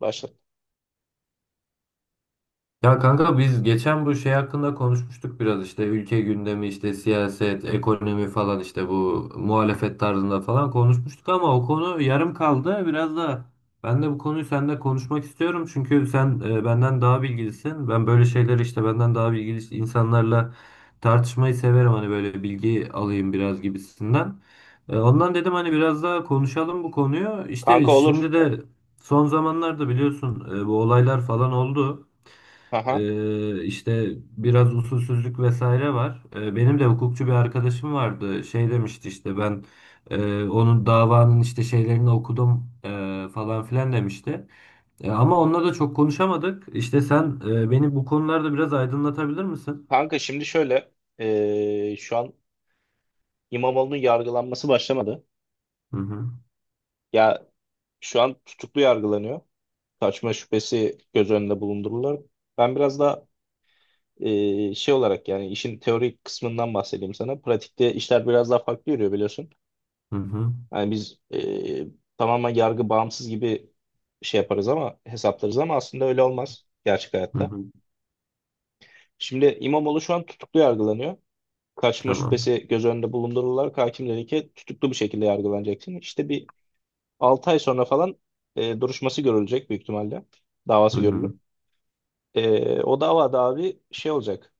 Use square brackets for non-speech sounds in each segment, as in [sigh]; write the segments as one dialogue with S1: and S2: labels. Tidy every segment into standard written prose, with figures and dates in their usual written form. S1: Başla.
S2: Ya kanka biz geçen bu şey hakkında konuşmuştuk biraz işte ülke gündemi işte siyaset, ekonomi falan işte bu muhalefet tarzında falan konuşmuştuk ama o konu yarım kaldı. Biraz da ben de bu konuyu seninle konuşmak istiyorum çünkü sen benden daha bilgilisin. Ben böyle şeyleri işte benden daha bilgili insanlarla tartışmayı severim, hani böyle bilgi alayım biraz gibisinden. Ondan dedim, hani biraz daha konuşalım bu konuyu. İşte
S1: Kanka olur.
S2: şimdi de son zamanlarda biliyorsun, bu olaylar falan oldu.
S1: Aha.
S2: İşte biraz usulsüzlük vesaire var. Benim de hukukçu bir arkadaşım vardı. Şey demişti, işte ben onun davanın işte şeylerini okudum falan filan demişti. Ama onunla da çok konuşamadık. İşte sen beni bu konularda biraz aydınlatabilir misin?
S1: Kanka şimdi şöyle şu an İmamoğlu'nun yargılanması başlamadı.
S2: Hı hı.
S1: Ya şu an tutuklu yargılanıyor. Kaçma şüphesi göz önünde bulundurulur. Ben biraz daha şey olarak yani işin teorik kısmından bahsedeyim sana. Pratikte işler biraz daha farklı yürüyor biliyorsun.
S2: Hı hı.
S1: Yani biz tamamen yargı bağımsız gibi şey yaparız ama hesaplarız ama aslında öyle olmaz gerçek
S2: Hı
S1: hayatta.
S2: hı.
S1: Şimdi İmamoğlu şu an tutuklu yargılanıyor. Kaçma
S2: Tamam.
S1: şüphesi göz önünde bulundurularak hakim dedi ki tutuklu bir şekilde yargılanacaksın. İşte bir 6 ay sonra falan duruşması görülecek büyük ihtimalle.
S2: Hı
S1: Davası görülür.
S2: hı.
S1: O davada abi şey olacak.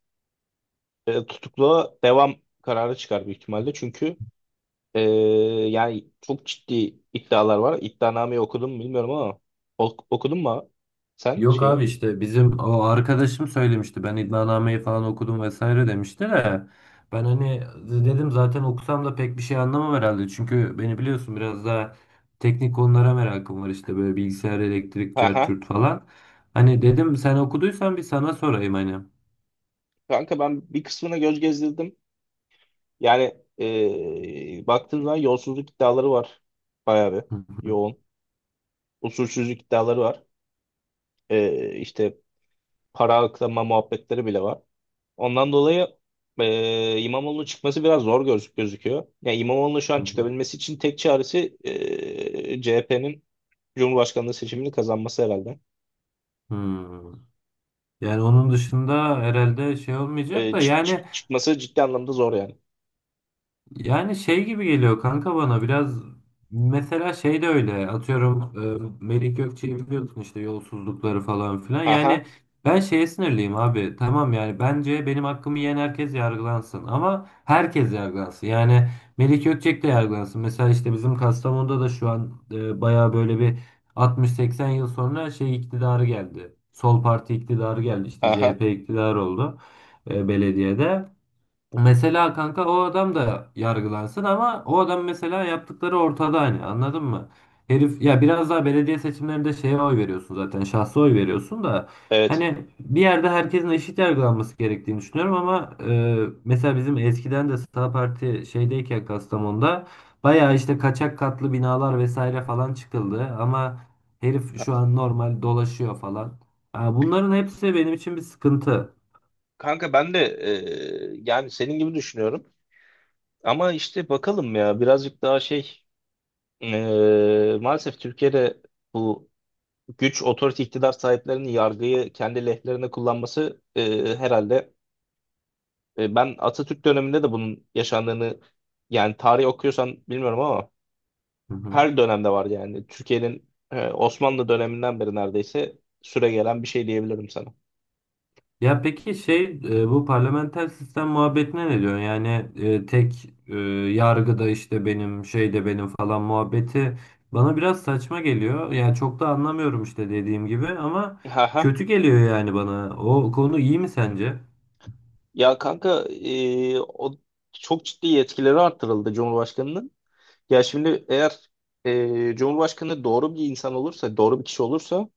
S1: Tutukluğa devam kararı çıkar büyük ihtimalle. Çünkü e, yani çok ciddi iddialar var. İddianameyi okudun mu bilmiyorum ama okudun mu sen
S2: Yok abi,
S1: şeyi?
S2: işte bizim o arkadaşım söylemişti. Ben iddianameyi falan okudum vesaire demişti de, ben hani dedim zaten okusam da pek bir şey anlamam herhalde. Çünkü beni biliyorsun, biraz daha teknik konulara merakım var, işte böyle bilgisayar, elektrik, cart
S1: Aha.
S2: curt falan. Hani dedim sen okuduysan bir sana sorayım hani. [laughs]
S1: Kanka ben bir kısmına göz gezdirdim. Yani baktığın zaman yolsuzluk iddiaları var. Bayağı bir
S2: Hı
S1: yoğun. Usulsüzlük iddiaları var. İşte para aklama muhabbetleri bile var. Ondan dolayı İmamoğlu'nun çıkması biraz zor gözüküyor. Yani İmamoğlu'nun şu an
S2: hı.
S1: çıkabilmesi için tek çaresi CHP'nin Cumhurbaşkanlığı seçimini kazanması herhalde.
S2: Hmm. Yani onun dışında herhalde şey olmayacak
S1: E,
S2: da,
S1: çık,
S2: yani
S1: çık, çıkması ciddi anlamda zor yani.
S2: yani şey gibi geliyor kanka bana biraz, mesela şey de öyle, atıyorum, Melih Gökçe'yi biliyorsun işte, yolsuzlukları falan filan.
S1: Aha,
S2: Yani ben şeye sinirliyim abi, tamam, yani bence benim hakkımı yiyen herkes yargılansın ama herkes yargılansın yani. Melih Gökçek de yargılansın mesela, işte bizim Kastamonu'da da şu an baya böyle bir 60-80 yıl sonra şey iktidarı geldi, Sol Parti iktidarı geldi, işte
S1: aha,
S2: CHP iktidarı oldu belediyede. Mesela kanka o adam da yargılansın ama o adam mesela, yaptıkları ortada, hani anladın mı? Herif ya, biraz daha belediye seçimlerinde şeye oy veriyorsun, zaten şahsa oy veriyorsun da
S1: evet.
S2: hani bir yerde herkesin eşit yargılanması gerektiğini düşünüyorum ama mesela bizim eskiden de Sağ Parti şeydeyken Kastamonu'da bayağı işte kaçak katlı binalar vesaire falan çıkıldı ama herif
S1: Ka-
S2: şu an normal dolaşıyor falan. Ha, bunların hepsi benim için bir sıkıntı.
S1: Kanka ben de yani senin gibi düşünüyorum. Ama işte bakalım ya birazcık daha şey maalesef Türkiye'de bu güç otorite iktidar sahiplerinin yargıyı kendi lehlerine kullanması herhalde ben Atatürk döneminde de bunun yaşandığını yani tarih okuyorsan bilmiyorum ama
S2: Hı hı.
S1: her dönemde var yani Türkiye'nin Osmanlı döneminden beri neredeyse süregelen bir şey diyebilirim sana.
S2: Ya peki şey, bu parlamenter sistem muhabbetine ne diyorsun? Yani tek, yargıda işte benim şey de benim falan muhabbeti bana biraz saçma geliyor. Yani çok da anlamıyorum işte, dediğim gibi, ama
S1: Ha ha.
S2: kötü geliyor yani bana. O konu iyi mi sence?
S1: Ya kanka o çok ciddi yetkileri arttırıldı Cumhurbaşkanının. Ya şimdi eğer Cumhurbaşkanı doğru bir insan olursa, doğru bir kişi olursa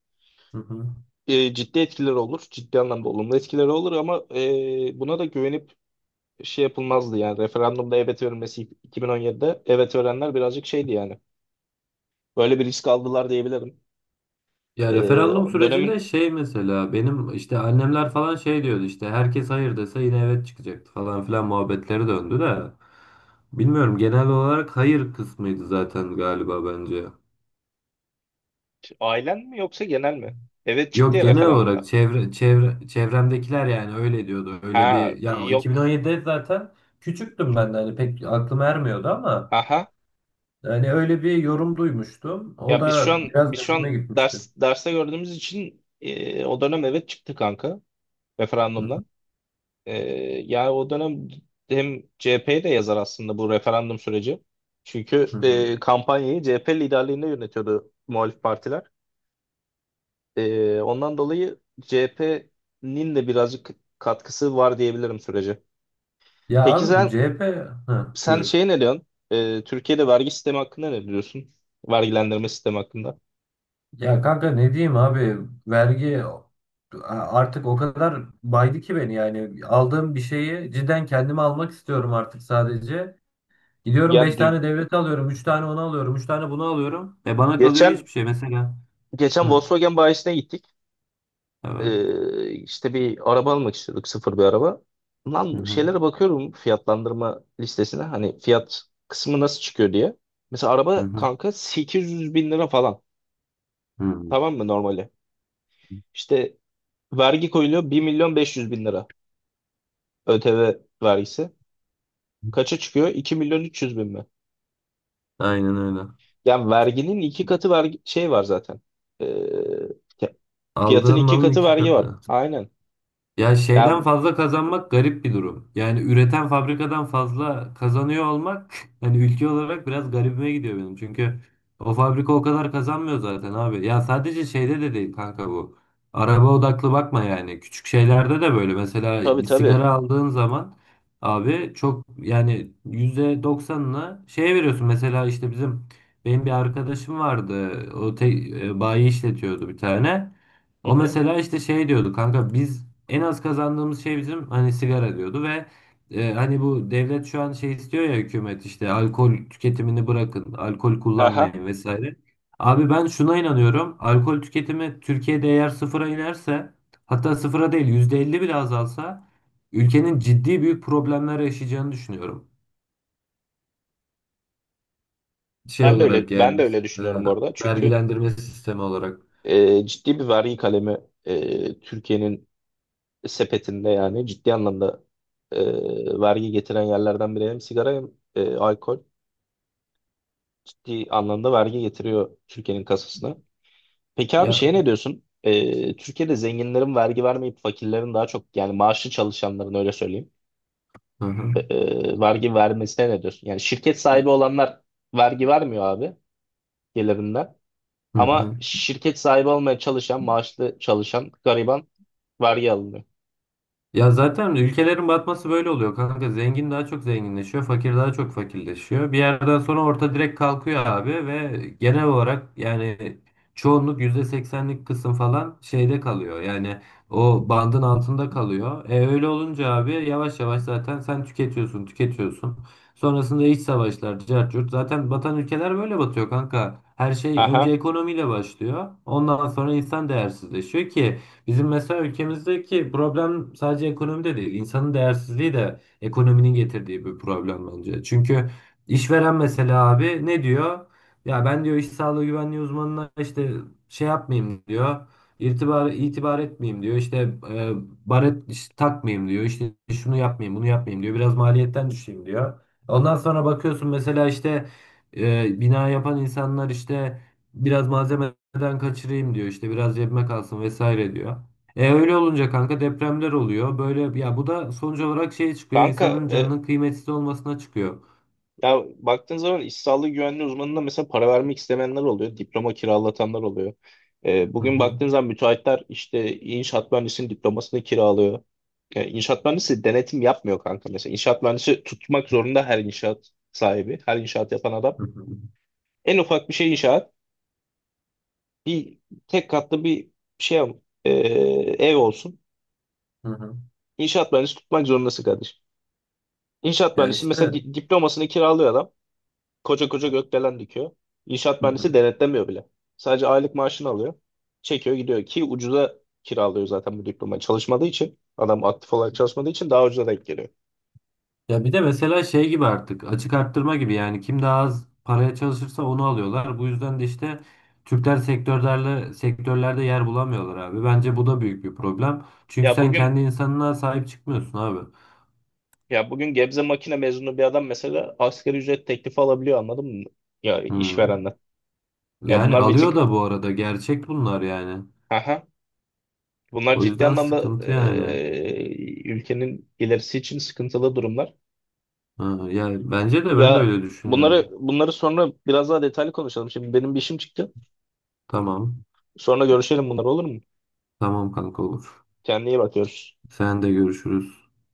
S2: Hı hı.
S1: ciddi etkileri olur. Ciddi anlamda olumlu etkileri olur ama buna da güvenip şey yapılmazdı yani. Referandumda evet verilmesi 2017'de evet verenler birazcık şeydi yani. Böyle bir risk aldılar diyebilirim.
S2: Ya
S1: E,
S2: referandum sürecinde
S1: Dönemin
S2: şey, mesela benim işte annemler falan şey diyordu, işte herkes hayır dese yine evet çıkacaktı falan filan muhabbetleri döndü de. Bilmiyorum, genel olarak hayır kısmıydı zaten galiba bence.
S1: ailen mi yoksa genel mi? Evet çıktı
S2: Yok,
S1: ya
S2: genel olarak
S1: referandumda.
S2: çevre, çevremdekiler yani öyle diyordu. Öyle
S1: Ha
S2: bir, ya
S1: yok.
S2: 2017'de zaten küçüktüm ben de, hani pek aklım ermiyordu ama
S1: Aha.
S2: hani öyle bir yorum duymuştum. O
S1: Ya biz şu
S2: da
S1: an
S2: biraz
S1: biz şu
S2: garibime
S1: an
S2: gitmişti.
S1: derste gördüğümüz için o dönem evet çıktı kanka
S2: Hı hı.
S1: referandumdan. Ee, Yani o dönem hem CHP'ye de yazar aslında bu referandum süreci. Çünkü
S2: Hı hı.
S1: kampanyayı CHP liderliğinde yönetiyordu muhalif partiler. Ondan dolayı CHP'nin de birazcık katkısı var diyebilirim sürece.
S2: Ya
S1: Peki
S2: abi bu
S1: sen
S2: CHP, hı,
S1: sen
S2: buyur.
S1: şey ne diyorsun? Türkiye'de vergi sistemi hakkında ne diyorsun? Vergilendirme sistemi hakkında.
S2: Ya kanka ne diyeyim abi, vergi artık o kadar baydı ki beni, yani aldığım bir şeyi cidden kendime almak istiyorum artık, sadece. Gidiyorum,
S1: Ya
S2: 5 tane devleti alıyorum. Üç tane onu alıyorum. Üç tane bunu alıyorum. E bana kalıyor
S1: geçen
S2: hiçbir şey. Mesela.
S1: geçen
S2: Hı,
S1: Volkswagen bayisine gittik.
S2: evet.
S1: İşte bir araba almak istiyorduk sıfır bir araba.
S2: Hı
S1: Lan
S2: hı.
S1: şeylere bakıyorum fiyatlandırma listesine hani fiyat kısmı nasıl çıkıyor diye. Mesela
S2: Hı
S1: araba
S2: hı.
S1: kanka 800 bin lira falan
S2: Hı.
S1: tamam mı normali? İşte vergi koyuluyor 1 milyon 500 bin lira ÖTV vergisi. Kaça çıkıyor? 2 milyon 300 bin mi?
S2: Aynen öyle.
S1: Yani verginin iki katı vergi şey var zaten. Ee, Fiyatın
S2: Aldığın
S1: iki
S2: malın
S1: katı
S2: iki
S1: vergi var.
S2: katı.
S1: Aynen.
S2: Ya
S1: Ya
S2: şeyden fazla kazanmak garip bir durum. Yani üreten fabrikadan fazla kazanıyor olmak [laughs] hani ülke olarak biraz garibime gidiyor benim. Çünkü o fabrika o kadar kazanmıyor zaten abi. Ya sadece şeyde de değil kanka bu. Araba odaklı bakma yani. Küçük şeylerde de böyle. Mesela
S1: tabii
S2: bir
S1: tabii.
S2: sigara aldığın zaman abi, çok yani %90'ına şey veriyorsun. Mesela işte bizim, benim bir arkadaşım vardı. O bayi işletiyordu bir tane.
S1: Hı
S2: O
S1: hı.
S2: mesela işte şey diyordu kanka, biz en az kazandığımız şey bizim hani sigara diyordu ve hani bu devlet şu an şey istiyor ya, hükümet işte alkol tüketimini bırakın, alkol
S1: Aha,
S2: kullanmayın vesaire. Abi ben şuna inanıyorum. Alkol tüketimi Türkiye'de eğer sıfıra inerse, hatta sıfıra değil, %50 bile azalsa ülkenin ciddi büyük problemler yaşayacağını düşünüyorum. Şey
S1: Ben de öyle
S2: olarak
S1: ben
S2: yani,
S1: de öyle düşünüyorum bu
S2: mesela
S1: arada. Çünkü
S2: vergilendirme sistemi olarak.
S1: ciddi bir vergi kalemi Türkiye'nin sepetinde yani ciddi anlamda vergi getiren yerlerden biri hem sigara hem alkol ciddi anlamda vergi getiriyor Türkiye'nin kasasına. Peki abi
S2: Ya
S1: şeye ne diyorsun? Türkiye'de zenginlerin vergi vermeyip fakirlerin daha çok yani maaşlı çalışanların öyle söyleyeyim
S2: hı hı.
S1: vergi vermesine ne diyorsun? Yani şirket sahibi olanlar vergi vermiyor abi gelirinden.
S2: Hı
S1: Ama
S2: hı.
S1: şirket sahibi olmaya çalışan, maaşlı çalışan gariban vergi alınıyor.
S2: Ya zaten ülkelerin batması böyle oluyor kanka. Zengin daha çok zenginleşiyor, fakir daha çok fakirleşiyor. Bir yerden sonra orta direkt kalkıyor abi ve genel olarak yani çoğunluk %80'lik kısım falan şeyde kalıyor. Yani o bandın altında kalıyor. E öyle olunca abi, yavaş yavaş zaten sen tüketiyorsun, tüketiyorsun. Sonrasında iç savaşlar, cart curt. Zaten batan ülkeler böyle batıyor kanka. Her şey önce
S1: Aha.
S2: ekonomiyle başlıyor. Ondan sonra insan değersizleşiyor ki bizim mesela ülkemizdeki problem sadece ekonomi de değil. İnsanın değersizliği de ekonominin getirdiği bir problem bence. Çünkü işveren mesela abi ne diyor? Ya ben diyor, iş sağlığı güvenliği uzmanına işte şey yapmayayım diyor. İtibar etmeyeyim diyor. İşte e, baret takmayayım diyor. İşte şunu yapmayayım, bunu yapmayayım diyor. Biraz maliyetten düşeyim diyor. Ondan sonra bakıyorsun, mesela işte bina yapan insanlar, işte biraz malzemeden kaçırayım diyor, işte biraz cebime kalsın vesaire diyor. E öyle olunca kanka depremler oluyor. Böyle, ya bu da sonuç olarak şeye çıkıyor.
S1: Kanka
S2: İnsanın canının kıymetsiz olmasına çıkıyor.
S1: ya baktığın zaman iş sağlığı güvenliği uzmanına mesela para vermek istemeyenler oluyor. Diploma kiralatanlar oluyor.
S2: Hı
S1: Bugün
S2: hı.
S1: baktığın zaman müteahhitler işte inşaat mühendisinin diplomasını kiralıyor. İnşaat mühendisi denetim yapmıyor kanka mesela. İnşaat mühendisi tutmak zorunda her inşaat sahibi, her inşaat yapan adam.
S2: Hı hı.
S1: En ufak bir şey inşaat. Bir tek katlı bir şey e, ev olsun.
S2: Hı hı.
S1: İnşaat mühendisi tutmak zorundasın kardeşim. İnşaat
S2: Ya
S1: mühendisi mesela
S2: işte.
S1: diplomasını kiralıyor adam. Koca koca gökdelen dikiyor. İnşaat
S2: Hı
S1: mühendisi
S2: hı.
S1: denetlemiyor bile. Sadece aylık maaşını alıyor. Çekiyor gidiyor ki ucuza kiralıyor zaten bu diplomayı. Çalışmadığı için adam aktif olarak çalışmadığı için daha ucuza denk geliyor.
S2: Ya bir de mesela şey gibi, artık açık arttırma gibi, yani kim daha az paraya çalışırsa onu alıyorlar. Bu yüzden de işte Türkler sektörlerde yer bulamıyorlar abi. Bence bu da büyük bir problem. Çünkü
S1: Ya
S2: sen kendi
S1: bugün
S2: insanına sahip çıkmıyorsun abi.
S1: ya bugün Gebze makine mezunu bir adam mesela asgari ücret teklifi alabiliyor anladın mı? Ya
S2: Hı.
S1: işverenden. Ya
S2: Yani
S1: bunlar bir
S2: alıyor
S1: tık
S2: da bu arada, gerçek bunlar yani.
S1: aha. Bunlar
S2: O
S1: ciddi
S2: yüzden
S1: anlamda
S2: sıkıntı yani.
S1: ülkenin ilerisi için sıkıntılı durumlar.
S2: Ha, ya bence de, ben de
S1: Ya
S2: öyle
S1: bunları
S2: düşünüyorum.
S1: bunları sonra biraz daha detaylı konuşalım. Şimdi benim bir işim çıktı.
S2: Tamam.
S1: Sonra görüşelim bunlar olur mu?
S2: Tamam kanka, olur.
S1: Kendine iyi bakıyoruz.
S2: Sen de görüşürüz.